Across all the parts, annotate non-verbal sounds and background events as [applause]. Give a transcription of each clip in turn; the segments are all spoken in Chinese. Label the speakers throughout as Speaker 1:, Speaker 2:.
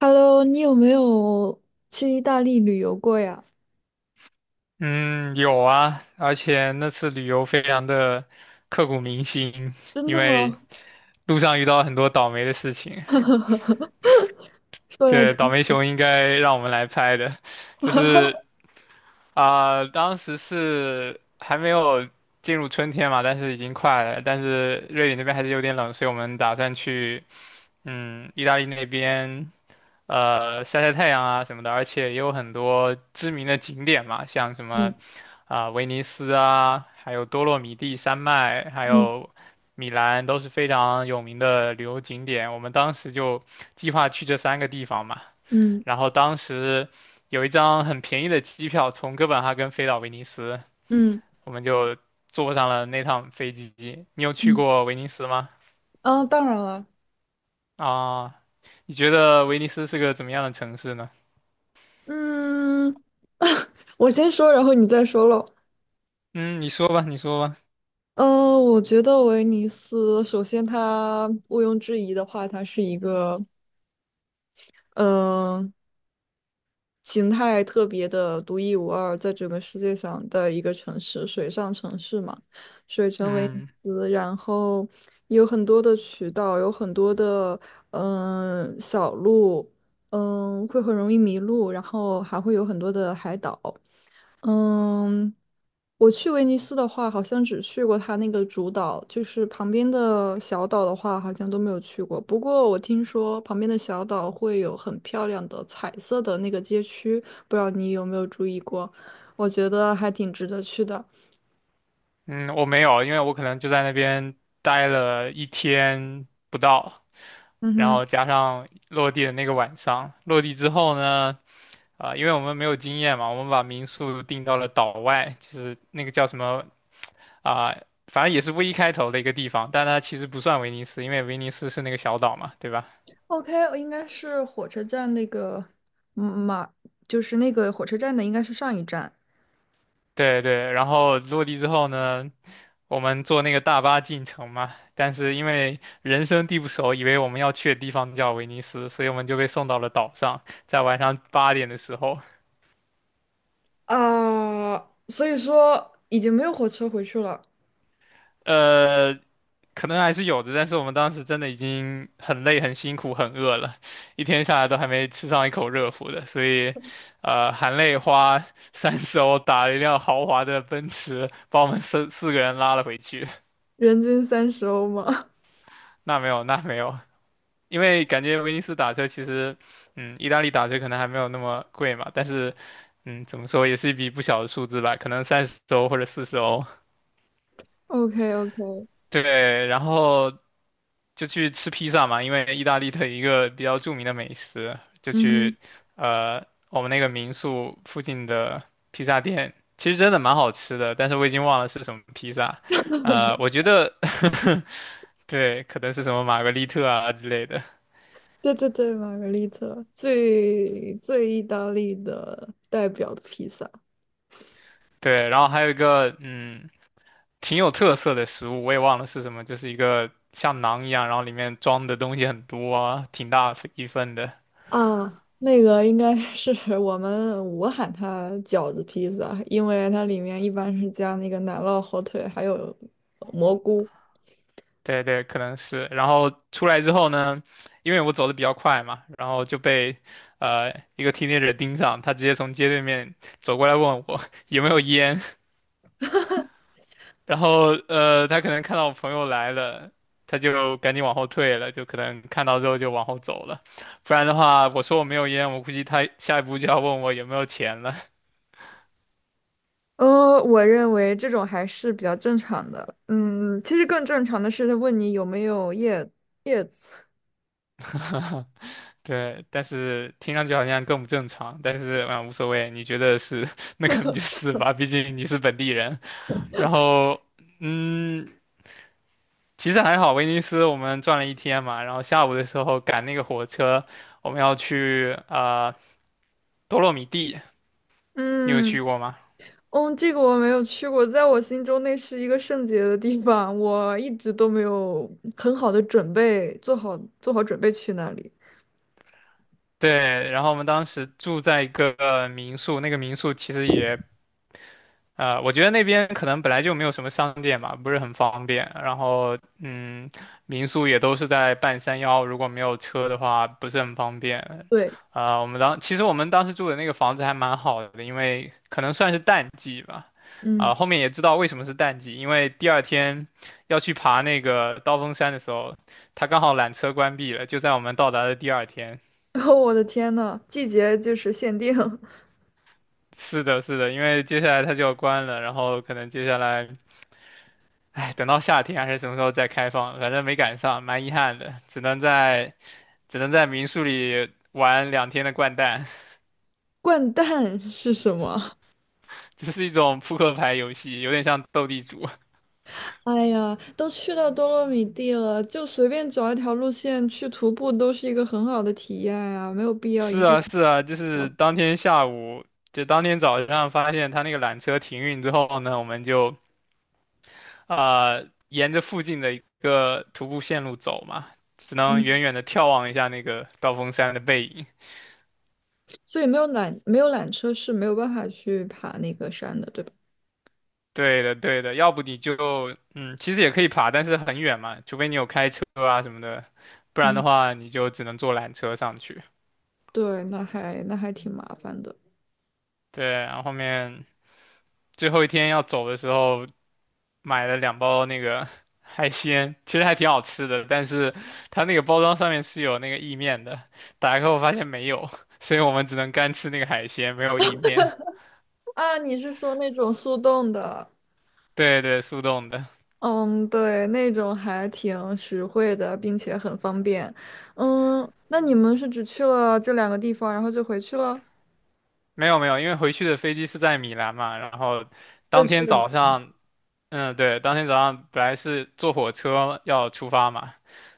Speaker 1: Hello，你有没有去意大利旅游过呀？
Speaker 2: 嗯，有啊，而且那次旅游非常的刻骨铭心，
Speaker 1: 真
Speaker 2: 因
Speaker 1: 的
Speaker 2: 为
Speaker 1: 吗？
Speaker 2: 路上遇到很多倒霉的事情。
Speaker 1: 说来
Speaker 2: 这倒
Speaker 1: 听。
Speaker 2: 霉熊应该让我们来拍的，就是当时是还没有进入春天嘛，但是已经快了。但是瑞典那边还是有点冷，所以我们打算去，意大利那边，晒晒太阳啊什么的。而且也有很多知名的景点嘛，像什么
Speaker 1: 嗯
Speaker 2: 威尼斯啊，还有多洛米蒂山脉，还
Speaker 1: 嗯
Speaker 2: 有米兰，都是非常有名的旅游景点。我们当时就计划去这三个地方嘛。
Speaker 1: 嗯
Speaker 2: 然后当时有一张很便宜的机票从哥本哈根飞到威尼斯，
Speaker 1: 嗯
Speaker 2: 我们就坐上了那趟飞机。你有去
Speaker 1: 嗯，
Speaker 2: 过威尼斯吗？
Speaker 1: 啊，当然了，
Speaker 2: 啊，你觉得威尼斯是个怎么样的城市呢？
Speaker 1: 嗯，[laughs] 我先说，然后你再说喽。
Speaker 2: 嗯，你说吧，你说吧。
Speaker 1: 嗯，我觉得威尼斯，首先它毋庸置疑的话，它是一个，嗯、形态特别的独一无二，在整个世界上的一个城市，水上城市嘛，水城威尼
Speaker 2: 嗯
Speaker 1: 斯，然后有很多的渠道，有很多的小路，会很容易迷路，然后还会有很多的海岛。嗯，我去威尼斯的话，好像只去过它那个主岛，就是旁边的小岛的话，好像都没有去过。不过我听说旁边的小岛会有很漂亮的彩色的那个街区，不知道你有没有注意过？我觉得还挺值得去的。
Speaker 2: 嗯，我没有，因为我可能就在那边待了一天不到，
Speaker 1: 嗯
Speaker 2: 然
Speaker 1: 哼
Speaker 2: 后加上落地的那个晚上，落地之后呢，因为我们没有经验嘛，我们把民宿定到了岛外，就是那个叫什么啊、反正也是 V 开头的一个地方，但它其实不算威尼斯，因为威尼斯是那个小岛嘛，对吧？
Speaker 1: ，OK，应该是火车站那个，马，就是那个火车站的，应该是上一站
Speaker 2: 对对，然后落地之后呢，我们坐那个大巴进城嘛，但是因为人生地不熟，以为我们要去的地方叫威尼斯，所以我们就被送到了岛上，在晚上8点的时候，
Speaker 1: 啊，所以说已经没有火车回去了，
Speaker 2: 呃，可能还是有的，但是我们当时真的已经很累、很辛苦、很饿了，一天下来都还没吃上一口热乎的，所以，含泪花三十欧打了一辆豪华的奔驰，把我们四个人拉了回去。[laughs]
Speaker 1: 人均30欧吗？
Speaker 2: 那没有，那没有，因为感觉威尼斯打车其实，意大利打车可能还没有那么贵嘛，但是，怎么说也是一笔不小的数字吧，可能三十欧或者40欧。
Speaker 1: o k o k
Speaker 2: 对，然后就去吃披萨嘛，因为意大利的一个比较著名的美食，就
Speaker 1: 嗯
Speaker 2: 去
Speaker 1: 哼，
Speaker 2: 我们那个民宿附近的披萨店，其实真的蛮好吃的，但是我已经忘了是什么披萨，我觉得 [laughs] 对，可能是什么玛格丽特啊之类的，
Speaker 1: 对对对，玛格丽特最最意大利的代表的披萨
Speaker 2: 对，然后还有一个挺有特色的食物，我也忘了是什么，就是一个像馕一样，然后里面装的东西很多啊，挺大一份的，
Speaker 1: 啊，那个应该是 [laughs] 我喊它饺子披萨，因为它里面一般是加那个奶酪、火腿还有蘑菇。
Speaker 2: 对对，可能是。然后出来之后呢，因为我走的比较快嘛，然后就被一个 teenager 盯上，他直接从街对面走过来问我 [laughs] 有没有烟，然后他可能看到我朋友来了，他就赶紧往后退了，就可能看到之后就往后走了，不然的话我说我没有烟，我估计他下一步就要问我有没有钱了。
Speaker 1: 我认为这种还是比较正常的。嗯，其实更正常的是问你有没有叶子。
Speaker 2: [laughs] 对，但是听上去好像更不正常，但是无所谓，你觉得是 [laughs] 那可能就是吧，毕竟你是本地人。然后，嗯，其实还好，威尼斯我们转了一天嘛，然后下午的时候赶那个火车，我们要去多洛米蒂，你有
Speaker 1: 嗯。
Speaker 2: 去过吗？
Speaker 1: 嗯，这个我没有去过，在我心中那是一个圣洁的地方，我一直都没有很好的准备，做好准备去那里。
Speaker 2: 对，然后我们当时住在一个民宿，那个民宿其实也，我觉得那边可能本来就没有什么商店吧，不是很方便。然后，民宿也都是在半山腰，如果没有车的话，不是很方便。
Speaker 1: 对，
Speaker 2: 我们当其实我们当时住的那个房子还蛮好的，因为可能算是淡季吧。
Speaker 1: 嗯，
Speaker 2: 后面也知道为什么是淡季，因为第二天要去爬那个刀锋山的时候，它刚好缆车关闭了，就在我们到达的第二天。
Speaker 1: [laughs] 然后我的天呐，季节就是限定。[laughs]
Speaker 2: 是的，是的，因为接下来它就要关了，然后可能接下来。哎，等到夏天还是什么时候再开放，反正没赶上，蛮遗憾的，只能在民宿里玩2天的掼蛋，
Speaker 1: 掼蛋是什么？
Speaker 2: [laughs] 就是一种扑克牌游戏，有点像斗地主。
Speaker 1: 哎呀，都去到多洛米蒂了，就随便找一条路线去徒步，都是一个很好的体验啊，没有必
Speaker 2: [laughs]
Speaker 1: 要
Speaker 2: 是
Speaker 1: 一定
Speaker 2: 啊，
Speaker 1: 要
Speaker 2: 是啊，就是
Speaker 1: 跑。
Speaker 2: 当天下午，就当天早上发现他那个缆车停运之后呢，我们就沿着附近的一个徒步线路走嘛，只能
Speaker 1: 嗯，
Speaker 2: 远远的眺望一下那个刀锋山的背影。
Speaker 1: 所以没有缆车是没有办法去爬那个山的，对吧？
Speaker 2: 对的，对的，要不你就，其实也可以爬，但是很远嘛，除非你有开车啊什么的，不然的
Speaker 1: 嗯。
Speaker 2: 话你就只能坐缆车上去。
Speaker 1: 对，那还挺麻烦的
Speaker 2: 对，然后后面最后一天要走的时候，买了两包那个 [laughs] 海鲜，其实还挺好吃的，但是它那个包装上面是有那个意面的，打开后发现没有，[laughs] 所以我们只能干吃那个海鲜，没有意面。
Speaker 1: 啊！你是说那种速冻的？
Speaker 2: 对对，速冻的，
Speaker 1: 嗯，对，那种还挺实惠的，并且很方便。嗯，那你们是只去了这两个地方，然后就回去了？
Speaker 2: 没有没有，因为回去的飞机是在米兰嘛，然后
Speaker 1: 又
Speaker 2: 当
Speaker 1: 去
Speaker 2: 天
Speaker 1: 了。
Speaker 2: 早上。嗯，对，当天早上本来是坐火车要出发嘛，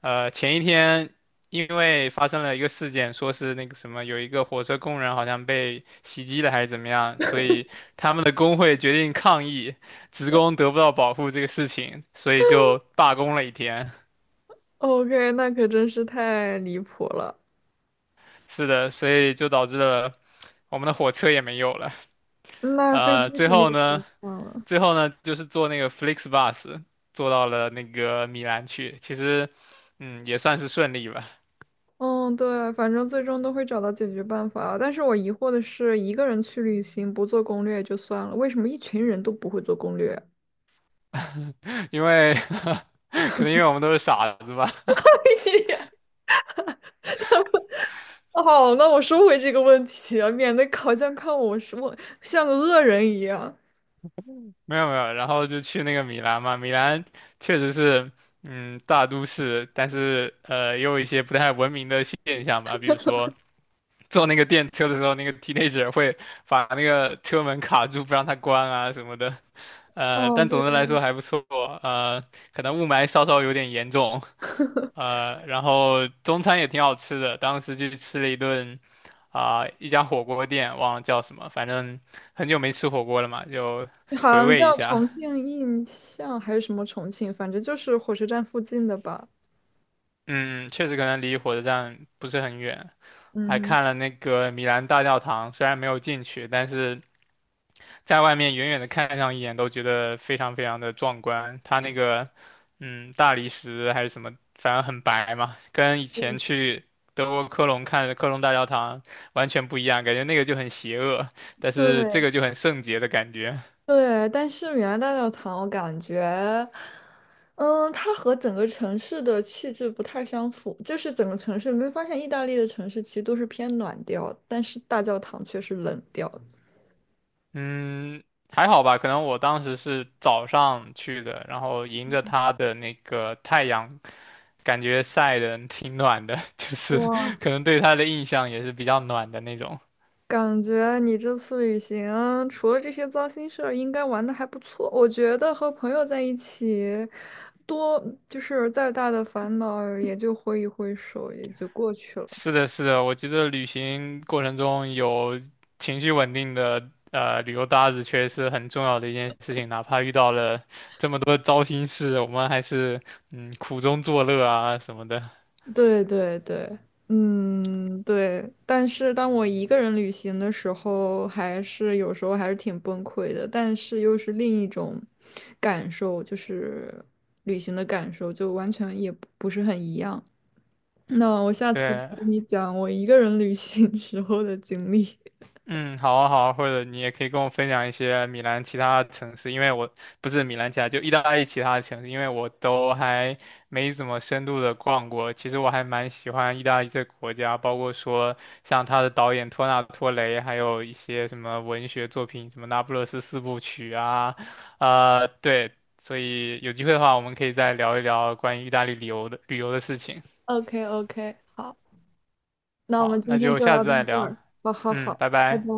Speaker 2: 前一天因为发生了一个事件，说是那个什么，有一个火车工人好像被袭击了还是怎么样，所以他们的工会决定抗议，职工得不到保护这个事情，所以就罢工了一天。
Speaker 1: OK，那可真是太离谱了。
Speaker 2: 是的，所以就导致了我们的火车也没有了。
Speaker 1: 那飞机
Speaker 2: 呃，最
Speaker 1: 肯定
Speaker 2: 后
Speaker 1: 是
Speaker 2: 呢，
Speaker 1: 很棒了。
Speaker 2: 最后呢，就是坐那个 FlixBus 坐到了那个米兰去，其实，也算是顺利吧。
Speaker 1: 嗯，对，反正最终都会找到解决办法。但是我疑惑的是，一个人去旅行不做攻略也就算了，为什么一群人都不会做攻略？
Speaker 2: 因为 [laughs] 可能因为我们都是傻子吧，[laughs]
Speaker 1: [laughs] 好，那我收回这个问题啊，免得烤酱看我什么像个恶人一样。
Speaker 2: 没有没有，然后就去那个米兰嘛，米兰确实是，大都市，但是也有一些不太文明的现象吧，比如说坐那个电车的时候，那个 teenager 会把那个车门卡住，不让它关啊什么的，
Speaker 1: 嗯，
Speaker 2: 但
Speaker 1: 对，
Speaker 2: 总的来说还不错，呃，可能雾霾稍稍有点严重，然后中餐也挺好吃的，当时去吃了一顿，一家火锅店，忘了叫什么，反正很久没吃火锅了嘛，就
Speaker 1: 好
Speaker 2: 回
Speaker 1: 像
Speaker 2: 味一
Speaker 1: 叫
Speaker 2: 下。
Speaker 1: 重庆印象还是什么重庆，反正就是火车站附近的吧。
Speaker 2: 嗯，确实可能离火车站不是很远，
Speaker 1: 嗯
Speaker 2: 还
Speaker 1: 哼，
Speaker 2: 看了那个米兰大教堂，虽然没有进去，但是在外面远远的看上一眼都觉得非常非常的壮观。它那个，大理石还是什么，反正很白嘛，跟以前去德国科隆看的科隆大教堂完全不一样，感觉那个就很邪恶，但是这
Speaker 1: 对
Speaker 2: 个就很圣洁的感觉。
Speaker 1: 对，但是米兰大教堂我感觉，嗯，它和整个城市的气质不太相符，就是整个城市，你会发现意大利的城市其实都是偏暖调，但是大教堂却是冷调的
Speaker 2: 嗯，还好吧，可能我当时是早上去的，然后迎着它的那个太阳。感觉晒的挺暖的，[laughs] 就是
Speaker 1: 哇。
Speaker 2: 可能对它的印象也是比较暖的那种。
Speaker 1: 感觉你这次旅行除了这些糟心事儿，应该玩的还不错。我觉得和朋友在一起，多就是再大的烦恼也就挥一挥手，也就过去了。
Speaker 2: 是的，是的，我觉得旅行过程中有情绪稳定的旅游搭子，确实是很重要的一件事情。哪怕遇到了这么多糟心事，我们还是苦中作乐啊什么的。
Speaker 1: 对对对，嗯，对。但是当我一个人旅行的时候，还是有时候还是挺崩溃的，但是又是另一种感受，就是旅行的感受，就完全也不是很一样。那我下次再
Speaker 2: 对，
Speaker 1: 跟你讲我一个人旅行 [laughs] 时候的经历。
Speaker 2: 嗯，好啊，好啊，或者你也可以跟我分享一些米兰其他城市，因为我不是米兰其他，就意大利其他的城市，因为我都还没怎么深度的逛过。其实我还蛮喜欢意大利这个国家，包括说像他的导演托纳托雷，还有一些什么文学作品，什么《那不勒斯四部曲》啊，对，所以有机会的话，我们可以再聊一聊关于意大利旅游的事情。
Speaker 1: [laughs] o k o k 好，那我们
Speaker 2: 好，
Speaker 1: 今
Speaker 2: 那
Speaker 1: 天
Speaker 2: 就
Speaker 1: 就
Speaker 2: 下
Speaker 1: 聊
Speaker 2: 次
Speaker 1: 到
Speaker 2: 再
Speaker 1: 这
Speaker 2: 聊，
Speaker 1: 儿。好好
Speaker 2: 嗯，
Speaker 1: 好，
Speaker 2: 拜
Speaker 1: 拜拜。
Speaker 2: 拜。